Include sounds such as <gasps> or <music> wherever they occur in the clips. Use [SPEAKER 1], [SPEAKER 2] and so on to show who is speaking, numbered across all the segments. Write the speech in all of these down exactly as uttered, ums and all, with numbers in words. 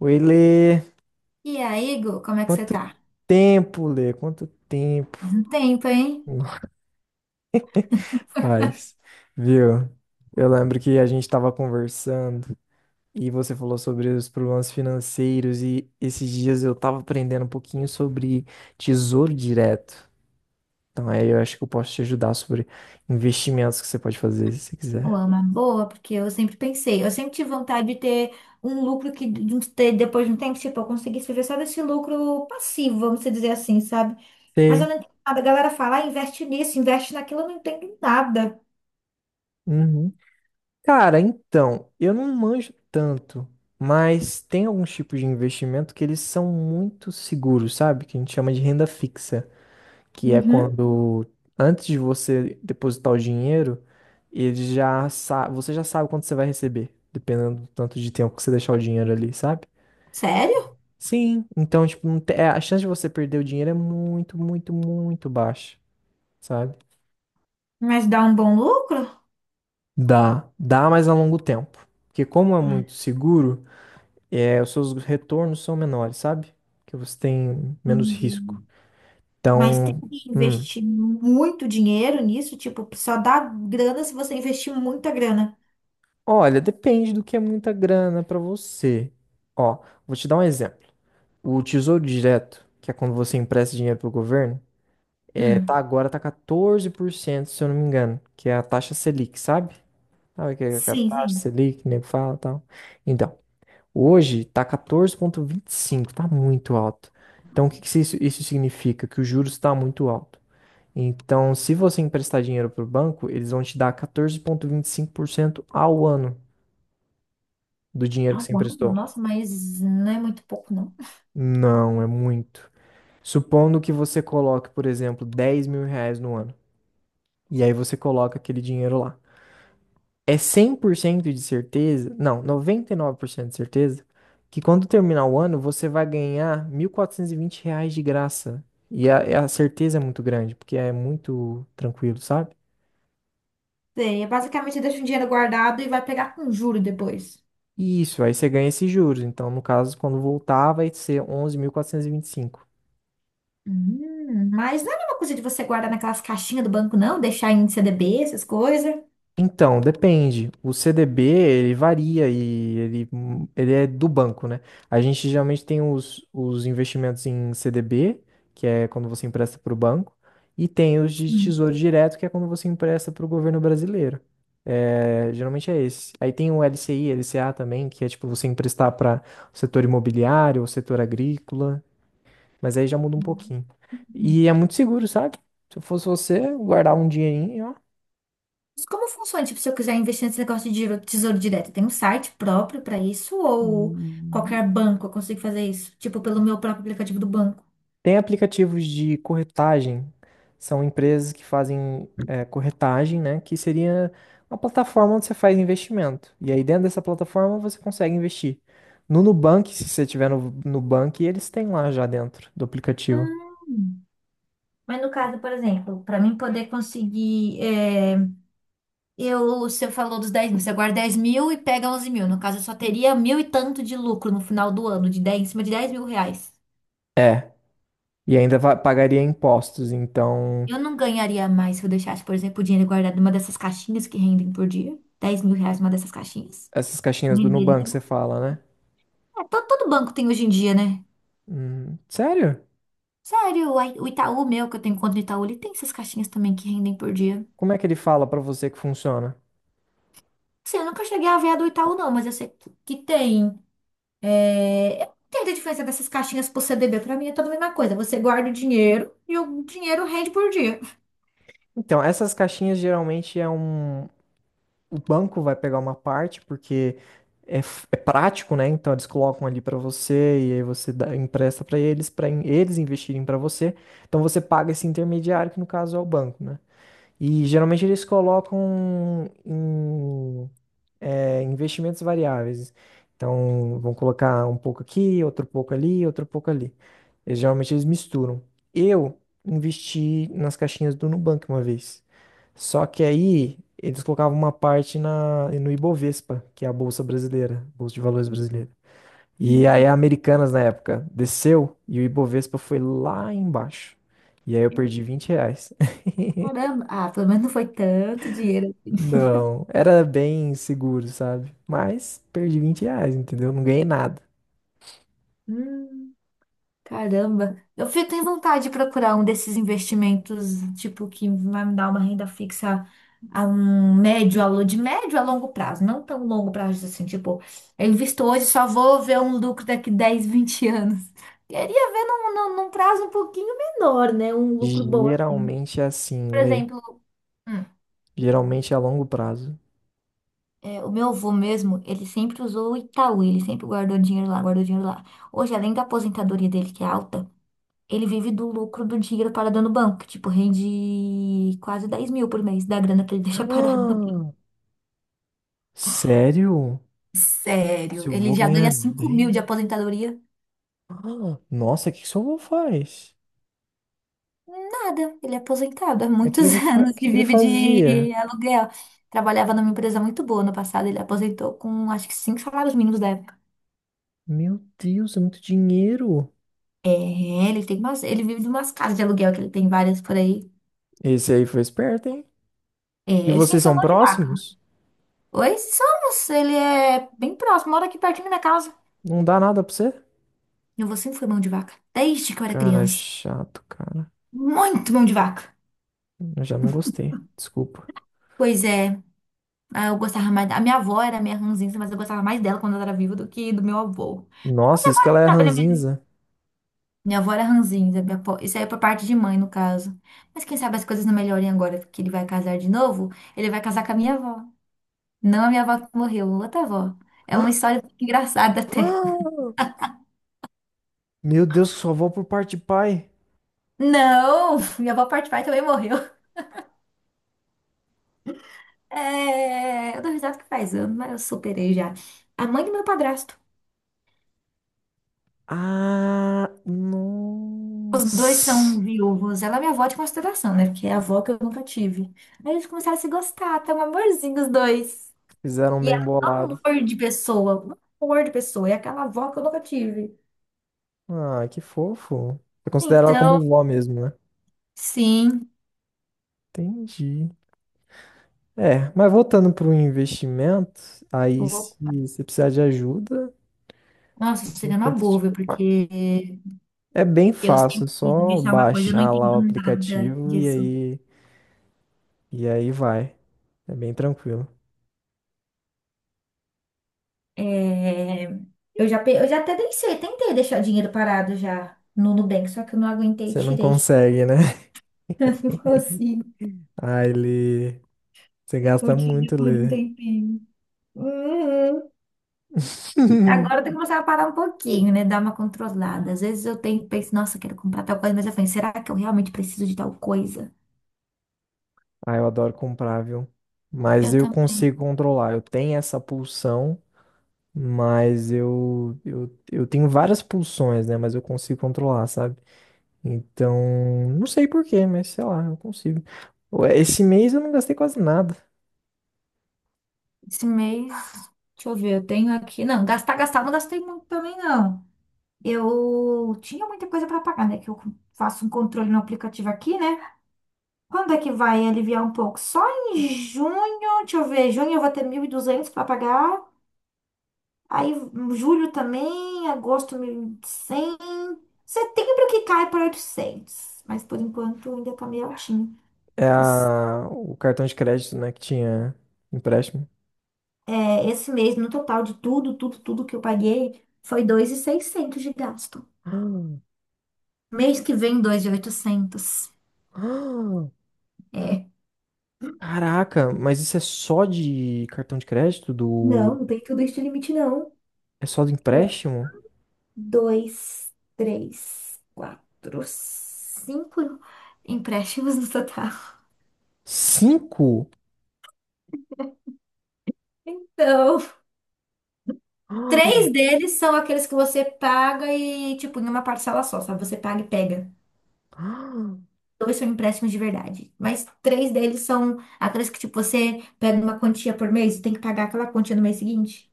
[SPEAKER 1] Oi, Lê.
[SPEAKER 2] E aí, Igor, como é que você
[SPEAKER 1] Quanto
[SPEAKER 2] tá?
[SPEAKER 1] tempo, Lê? Quanto tempo
[SPEAKER 2] Faz um tempo, hein?
[SPEAKER 1] <laughs> faz, viu? Eu lembro que a gente estava conversando e você falou sobre os problemas financeiros e esses dias eu estava aprendendo um pouquinho sobre tesouro direto. Então aí eu acho que eu posso te ajudar sobre investimentos que você pode fazer se você
[SPEAKER 2] Ou
[SPEAKER 1] quiser.
[SPEAKER 2] é uma boa, porque eu sempre pensei, eu sempre tive vontade de ter um lucro que de um- ter- depois de um tempo, tipo, eu conseguisse viver só desse lucro passivo, vamos dizer assim, sabe? Mas eu
[SPEAKER 1] Sei.
[SPEAKER 2] não entendo nada. A galera fala, ah, investe nisso, investe naquilo, eu não entendo nada.
[SPEAKER 1] Uhum. Cara, então, eu não manjo tanto, mas tem alguns tipos de investimento que eles são muito seguros, sabe? Que a gente chama de renda fixa, que é
[SPEAKER 2] Uhum.
[SPEAKER 1] quando antes de você depositar o dinheiro, ele já sa- você já sabe quanto você vai receber, dependendo do tanto de tempo que você deixar o dinheiro ali, sabe?
[SPEAKER 2] Sério?
[SPEAKER 1] Sim, então, tipo, não te- é, a chance de você perder o dinheiro é muito, muito, muito baixa, sabe?
[SPEAKER 2] Mas dá um bom lucro?
[SPEAKER 1] Dá, dá, mas a longo tempo. Porque como é
[SPEAKER 2] Ah,
[SPEAKER 1] muito seguro, é, os seus retornos são menores, sabe? Que você tem menos
[SPEAKER 2] entendi.
[SPEAKER 1] risco.
[SPEAKER 2] Mas tem
[SPEAKER 1] Então,
[SPEAKER 2] que
[SPEAKER 1] hum,
[SPEAKER 2] investir muito dinheiro nisso, tipo, só dá grana se você investir muita grana.
[SPEAKER 1] olha, depende do que é muita grana pra você. Ó, vou te dar um exemplo. O Tesouro Direto, que é quando você empresta dinheiro pro governo, é, tá
[SPEAKER 2] Hum.
[SPEAKER 1] agora tá catorze por cento, se eu não me engano, que é a taxa Selic, sabe? Sabe o que é a
[SPEAKER 2] Sim,
[SPEAKER 1] taxa
[SPEAKER 2] sim.
[SPEAKER 1] Selic, que o nego fala e tal. Então, hoje tá catorze vírgula vinte e cinco, tá muito alto. Então, o que que isso, isso significa? Que o juros está muito alto. Então, se você emprestar dinheiro para o banco, eles vão te dar catorze vírgula vinte e cinco por cento ao ano do dinheiro que
[SPEAKER 2] Ah,
[SPEAKER 1] você
[SPEAKER 2] uau,
[SPEAKER 1] emprestou.
[SPEAKER 2] nossa, mas não é muito pouco, não.
[SPEAKER 1] Não, é muito. Supondo que você coloque, por exemplo, dez mil reais no ano, e aí você coloca aquele dinheiro lá. É cem por cento de certeza, não, noventa e nove por cento de certeza, que quando terminar o ano, você vai ganhar mil quatrocentos e vinte reais de graça. E a, a certeza é muito grande, porque é muito tranquilo, sabe?
[SPEAKER 2] Sei, é basicamente deixa um dinheiro guardado e vai pegar com juro depois.
[SPEAKER 1] Isso, aí você ganha esses juros. Então, no caso, quando voltar, vai ser onze mil quatrocentos e e vinte e cinco.
[SPEAKER 2] Hum, mas não é a mesma coisa de você guardar naquelas caixinhas do banco, não? Deixar em C D B, essas coisas.
[SPEAKER 1] Então, depende. O C D B, ele varia e ele, ele é do banco, né? A gente geralmente tem os, os investimentos em C D B, que é quando você empresta para o banco, e tem os de
[SPEAKER 2] Sim.
[SPEAKER 1] Tesouro Direto, que é quando você empresta para o governo brasileiro. É, geralmente é esse. Aí tem o L C I, L C A também, que é tipo você emprestar para o setor imobiliário, o setor agrícola. Mas aí já muda um pouquinho. E é muito seguro, sabe? Se eu fosse você, guardar um dinheirinho, ó.
[SPEAKER 2] Mas como funciona? Tipo, se eu quiser investir nesse negócio de giro- tesouro direto, tem um site próprio para isso? Ou qualquer banco eu consigo fazer isso? Tipo, pelo meu próprio aplicativo do banco?
[SPEAKER 1] Tem aplicativos de corretagem. São empresas que fazem é, corretagem, né? Que seria uma plataforma onde você faz investimento. E aí dentro dessa plataforma você consegue investir. No Nubank, se você tiver no Nubank, eles têm lá já dentro do aplicativo.
[SPEAKER 2] Hum. Mas no caso, por exemplo, para mim poder conseguir. Eu, você falou dos dez mil, você guarda dez mil e pega onze mil. No caso, eu só teria mil e tanto de lucro no final do ano, de dez em cima de dez mil reais.
[SPEAKER 1] É. E ainda va- pagaria impostos. Então,
[SPEAKER 2] Eu não ganharia mais se eu deixasse, por exemplo, o dinheiro guardado numa dessas caixinhas que rendem por dia. Dez mil reais numa dessas caixinhas.
[SPEAKER 1] essas caixinhas do
[SPEAKER 2] Renderia.
[SPEAKER 1] Nubank, você fala, né?
[SPEAKER 2] É, todo, todo banco tem hoje em dia, né?
[SPEAKER 1] Hum, sério?
[SPEAKER 2] Sério, o Ai- o Itaú meu, que eu tenho conta no Itaú, ele tem essas caixinhas também que rendem por dia.
[SPEAKER 1] Como é que ele fala pra você que funciona?
[SPEAKER 2] Sim, eu nunca cheguei a ver a do Itaú, não, mas eu sei que que tem. É, eu não entendo a diferença dessas caixinhas pro C D B. Pra mim é toda a mesma coisa. Você guarda o dinheiro e o dinheiro rende por dia.
[SPEAKER 1] Então, essas caixinhas geralmente é um. O banco vai pegar uma parte, porque é, f- é prático, né? Então, eles colocam ali para você e aí você dá- empresta para eles, para eles investirem para você. Então, você paga esse intermediário, que no caso é o banco, né? E geralmente eles colocam em é, investimentos variáveis. Então, vão colocar um pouco aqui, outro pouco ali, outro pouco ali. E, geralmente eles misturam. Eu investi nas caixinhas do Nubank uma vez. Só que aí eles colocavam uma parte na, no Ibovespa, que é a Bolsa Brasileira, Bolsa de Valores Brasileira. E aí a Americanas na época desceu e o Ibovespa foi lá embaixo. E aí eu perdi vinte reais. <laughs>
[SPEAKER 2] Caramba. Ah, pelo menos não foi tanto dinheiro assim.
[SPEAKER 1] Não, era bem seguro, sabe? Mas perdi vinte reais, entendeu? Não ganhei nada.
[SPEAKER 2] Hum. Caramba, eu fico tenho vontade de procurar um desses investimentos, tipo, que vai me dar uma renda fixa a um médio, a lo- de médio a longo prazo, não tão longo prazo assim, tipo, eu invisto hoje, só vou ver um lucro daqui dez, vinte anos. Queria ver num, num, num prazo um pouquinho menor, né? Um lucro bom assim.
[SPEAKER 1] Geralmente é assim,
[SPEAKER 2] Por
[SPEAKER 1] Lê.
[SPEAKER 2] exemplo, hum,
[SPEAKER 1] Geralmente é a longo prazo. <gasps>
[SPEAKER 2] é, o meu avô mesmo, ele sempre usou o Itaú, ele sempre guardou dinheiro lá, guardou dinheiro lá. Hoje, além da aposentadoria dele, que é alta, ele vive do lucro do dinheiro parado no banco, que, tipo, rende quase dez mil por mês da grana que ele <laughs> deixa parado no banco.
[SPEAKER 1] Ah, sério? Se
[SPEAKER 2] Sério,
[SPEAKER 1] eu
[SPEAKER 2] ele
[SPEAKER 1] vou
[SPEAKER 2] já
[SPEAKER 1] ganhar
[SPEAKER 2] ganha cinco mil de
[SPEAKER 1] dez?
[SPEAKER 2] aposentadoria?
[SPEAKER 1] <gasps> Ah, nossa, o que que seu avô faz?
[SPEAKER 2] Nada, ele é aposentado há
[SPEAKER 1] Mas o que que
[SPEAKER 2] muitos
[SPEAKER 1] ele
[SPEAKER 2] <laughs>
[SPEAKER 1] fa...
[SPEAKER 2] anos
[SPEAKER 1] que
[SPEAKER 2] e
[SPEAKER 1] que ele
[SPEAKER 2] vive
[SPEAKER 1] fazia?
[SPEAKER 2] de aluguel. Trabalhava numa empresa muito boa no passado, ele aposentou com acho que cinco salários mínimos da época.
[SPEAKER 1] Meu Deus, é muito dinheiro.
[SPEAKER 2] É, ele tem umas, ele vive de umas casas de aluguel que ele tem várias por aí.
[SPEAKER 1] Esse aí foi esperto, hein?
[SPEAKER 2] É,
[SPEAKER 1] E
[SPEAKER 2] ele sempre
[SPEAKER 1] vocês
[SPEAKER 2] foi
[SPEAKER 1] são
[SPEAKER 2] mão de vaca.
[SPEAKER 1] próximos?
[SPEAKER 2] Oi, somos, ele é bem próximo, mora aqui pertinho da minha casa.
[SPEAKER 1] Não dá nada pra você?
[SPEAKER 2] Eu vou sempre fui mão de vaca, desde que eu era
[SPEAKER 1] Cara,
[SPEAKER 2] criança.
[SPEAKER 1] chato, cara.
[SPEAKER 2] Muito mão de vaca.
[SPEAKER 1] Eu já não gostei. Desculpa.
[SPEAKER 2] Pois é, ah, eu gostava mais da... A minha avó era a minha ranzinza, mas eu gostava mais dela quando ela era viva do que do meu avô. Mas
[SPEAKER 1] Nossa, isso que
[SPEAKER 2] agora,
[SPEAKER 1] ela
[SPEAKER 2] quem
[SPEAKER 1] é
[SPEAKER 2] sabe, ele melhor.
[SPEAKER 1] ranzinza.
[SPEAKER 2] Minha avó era ranzinza, minha avó- isso aí é por parte de mãe, no caso. Mas quem sabe as coisas não melhorem agora, porque ele vai casar de novo, ele vai casar com a minha avó. Não a minha avó que morreu, outra avó. É uma
[SPEAKER 1] <gasps>
[SPEAKER 2] história engraçada <laughs> até.
[SPEAKER 1] Ah! Meu Deus, só vou por parte de pai.
[SPEAKER 2] Não, minha avó parte pai também morreu. É, eu dou risada que faz anos, mas eu superei já. A mãe do meu padrasto.
[SPEAKER 1] Ah,
[SPEAKER 2] Os dois são
[SPEAKER 1] nossa.
[SPEAKER 2] viúvos. Ela é minha avó de consideração, né? Porque é a avó que eu nunca tive. Aí eles começaram a se gostar, tá um amorzinho os dois.
[SPEAKER 1] Fizeram um
[SPEAKER 2] E
[SPEAKER 1] bem
[SPEAKER 2] ela é um
[SPEAKER 1] bolado.
[SPEAKER 2] amor de pessoa, um amor de pessoa. É aquela avó que eu nunca tive.
[SPEAKER 1] Ah, que fofo. Você considera ela
[SPEAKER 2] Então,
[SPEAKER 1] como vó mesmo, né?
[SPEAKER 2] sim.
[SPEAKER 1] Entendi. É, mas voltando para o investimento, aí se
[SPEAKER 2] Opa.
[SPEAKER 1] você precisar de ajuda,
[SPEAKER 2] Nossa, tô
[SPEAKER 1] eu
[SPEAKER 2] chegando a
[SPEAKER 1] tento te-
[SPEAKER 2] boa,
[SPEAKER 1] mas
[SPEAKER 2] porque
[SPEAKER 1] é bem
[SPEAKER 2] eu
[SPEAKER 1] fácil, é
[SPEAKER 2] sempre quis
[SPEAKER 1] só
[SPEAKER 2] deixar uma coisa, eu não
[SPEAKER 1] baixar lá o
[SPEAKER 2] entendo nada
[SPEAKER 1] aplicativo e
[SPEAKER 2] disso.
[SPEAKER 1] aí, e aí vai. É bem tranquilo.
[SPEAKER 2] É, eu já, pe- eu já até deixei, tentei deixar dinheiro parado já no Nubank, só que eu não aguentei e
[SPEAKER 1] Você não
[SPEAKER 2] tirei.
[SPEAKER 1] consegue, né? <laughs>
[SPEAKER 2] <laughs> Eu não consigo.
[SPEAKER 1] Aí ele... Você
[SPEAKER 2] Eu
[SPEAKER 1] gasta
[SPEAKER 2] tinha
[SPEAKER 1] muito
[SPEAKER 2] depois de um
[SPEAKER 1] ler.
[SPEAKER 2] tempinho. Uhum. Agora eu tenho que
[SPEAKER 1] <laughs>
[SPEAKER 2] começar a parar um pouquinho, né? Dar uma controlada. Às vezes eu tenho, penso, nossa, quero comprar tal coisa, mas eu falei, será que eu realmente preciso de tal coisa?
[SPEAKER 1] Ah, eu adoro comprar, viu? Mas
[SPEAKER 2] Eu
[SPEAKER 1] eu
[SPEAKER 2] também.
[SPEAKER 1] consigo controlar. Eu tenho essa pulsão, mas eu, eu, eu tenho várias pulsões, né? Mas eu consigo controlar, sabe? Então, não sei por quê, mas sei lá, eu consigo. Ué, esse mês eu não gastei quase nada.
[SPEAKER 2] Esse mês, deixa eu ver, eu tenho aqui. Não, gastar, gastar, não gastei muito também, não. Eu tinha muita coisa para pagar, né? Que eu faço um controle no aplicativo aqui, né? Quando é que vai aliviar um pouco? Só em junho, deixa eu ver, junho eu vou ter mil e duzentos para pagar. Aí, julho também, agosto mil e cem. Setembro que cai para oitocentos, mas por enquanto ainda tá meio altinho.
[SPEAKER 1] É
[SPEAKER 2] Esse,
[SPEAKER 1] a, o cartão de crédito, né, que tinha empréstimo.
[SPEAKER 2] é, esse mês, no total de tudo, tudo, tudo que eu paguei, foi dois mil e seiscentos de gasto.
[SPEAKER 1] <gasps> Ah,
[SPEAKER 2] Mês que vem, dois mil e oitocentos.
[SPEAKER 1] ah,
[SPEAKER 2] É.
[SPEAKER 1] caraca, mas isso é só de cartão de crédito
[SPEAKER 2] Não,
[SPEAKER 1] do
[SPEAKER 2] não tem tudo isso de limite, não.
[SPEAKER 1] é só do
[SPEAKER 2] É
[SPEAKER 1] empréstimo?
[SPEAKER 2] dois, três, quatro, cinco empréstimos no total.
[SPEAKER 1] Cinco? <gasps>
[SPEAKER 2] Então,
[SPEAKER 1] Ah,
[SPEAKER 2] três deles são aqueles que você paga e, tipo, em uma parcela só, sabe? Você paga e pega.
[SPEAKER 1] ah.
[SPEAKER 2] Dois são empréstimos de verdade, mas três deles são aqueles que, tipo, você pega uma quantia por mês e tem que pagar aquela quantia no mês seguinte.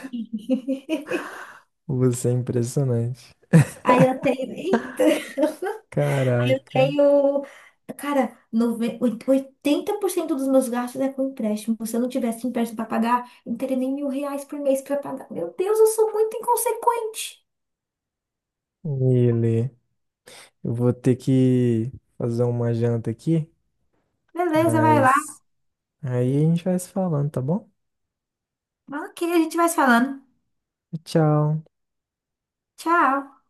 [SPEAKER 2] <laughs>
[SPEAKER 1] Você é impressionante.
[SPEAKER 2] Aí eu tenho. Eita! Eu
[SPEAKER 1] Caraca.
[SPEAKER 2] tenho. Cara, nove- oit- oitenta por cento dos meus gastos é com empréstimo. Se eu não tivesse empréstimo para pagar, eu não teria nem mil reais por mês para pagar. Meu Deus, eu sou muito inconsequente.
[SPEAKER 1] Ele, eu vou ter que fazer uma janta aqui,
[SPEAKER 2] Beleza, vai lá.
[SPEAKER 1] mas aí a gente vai se falando, tá bom?
[SPEAKER 2] Ok, a gente vai se falando.
[SPEAKER 1] Tchau.
[SPEAKER 2] Tchau.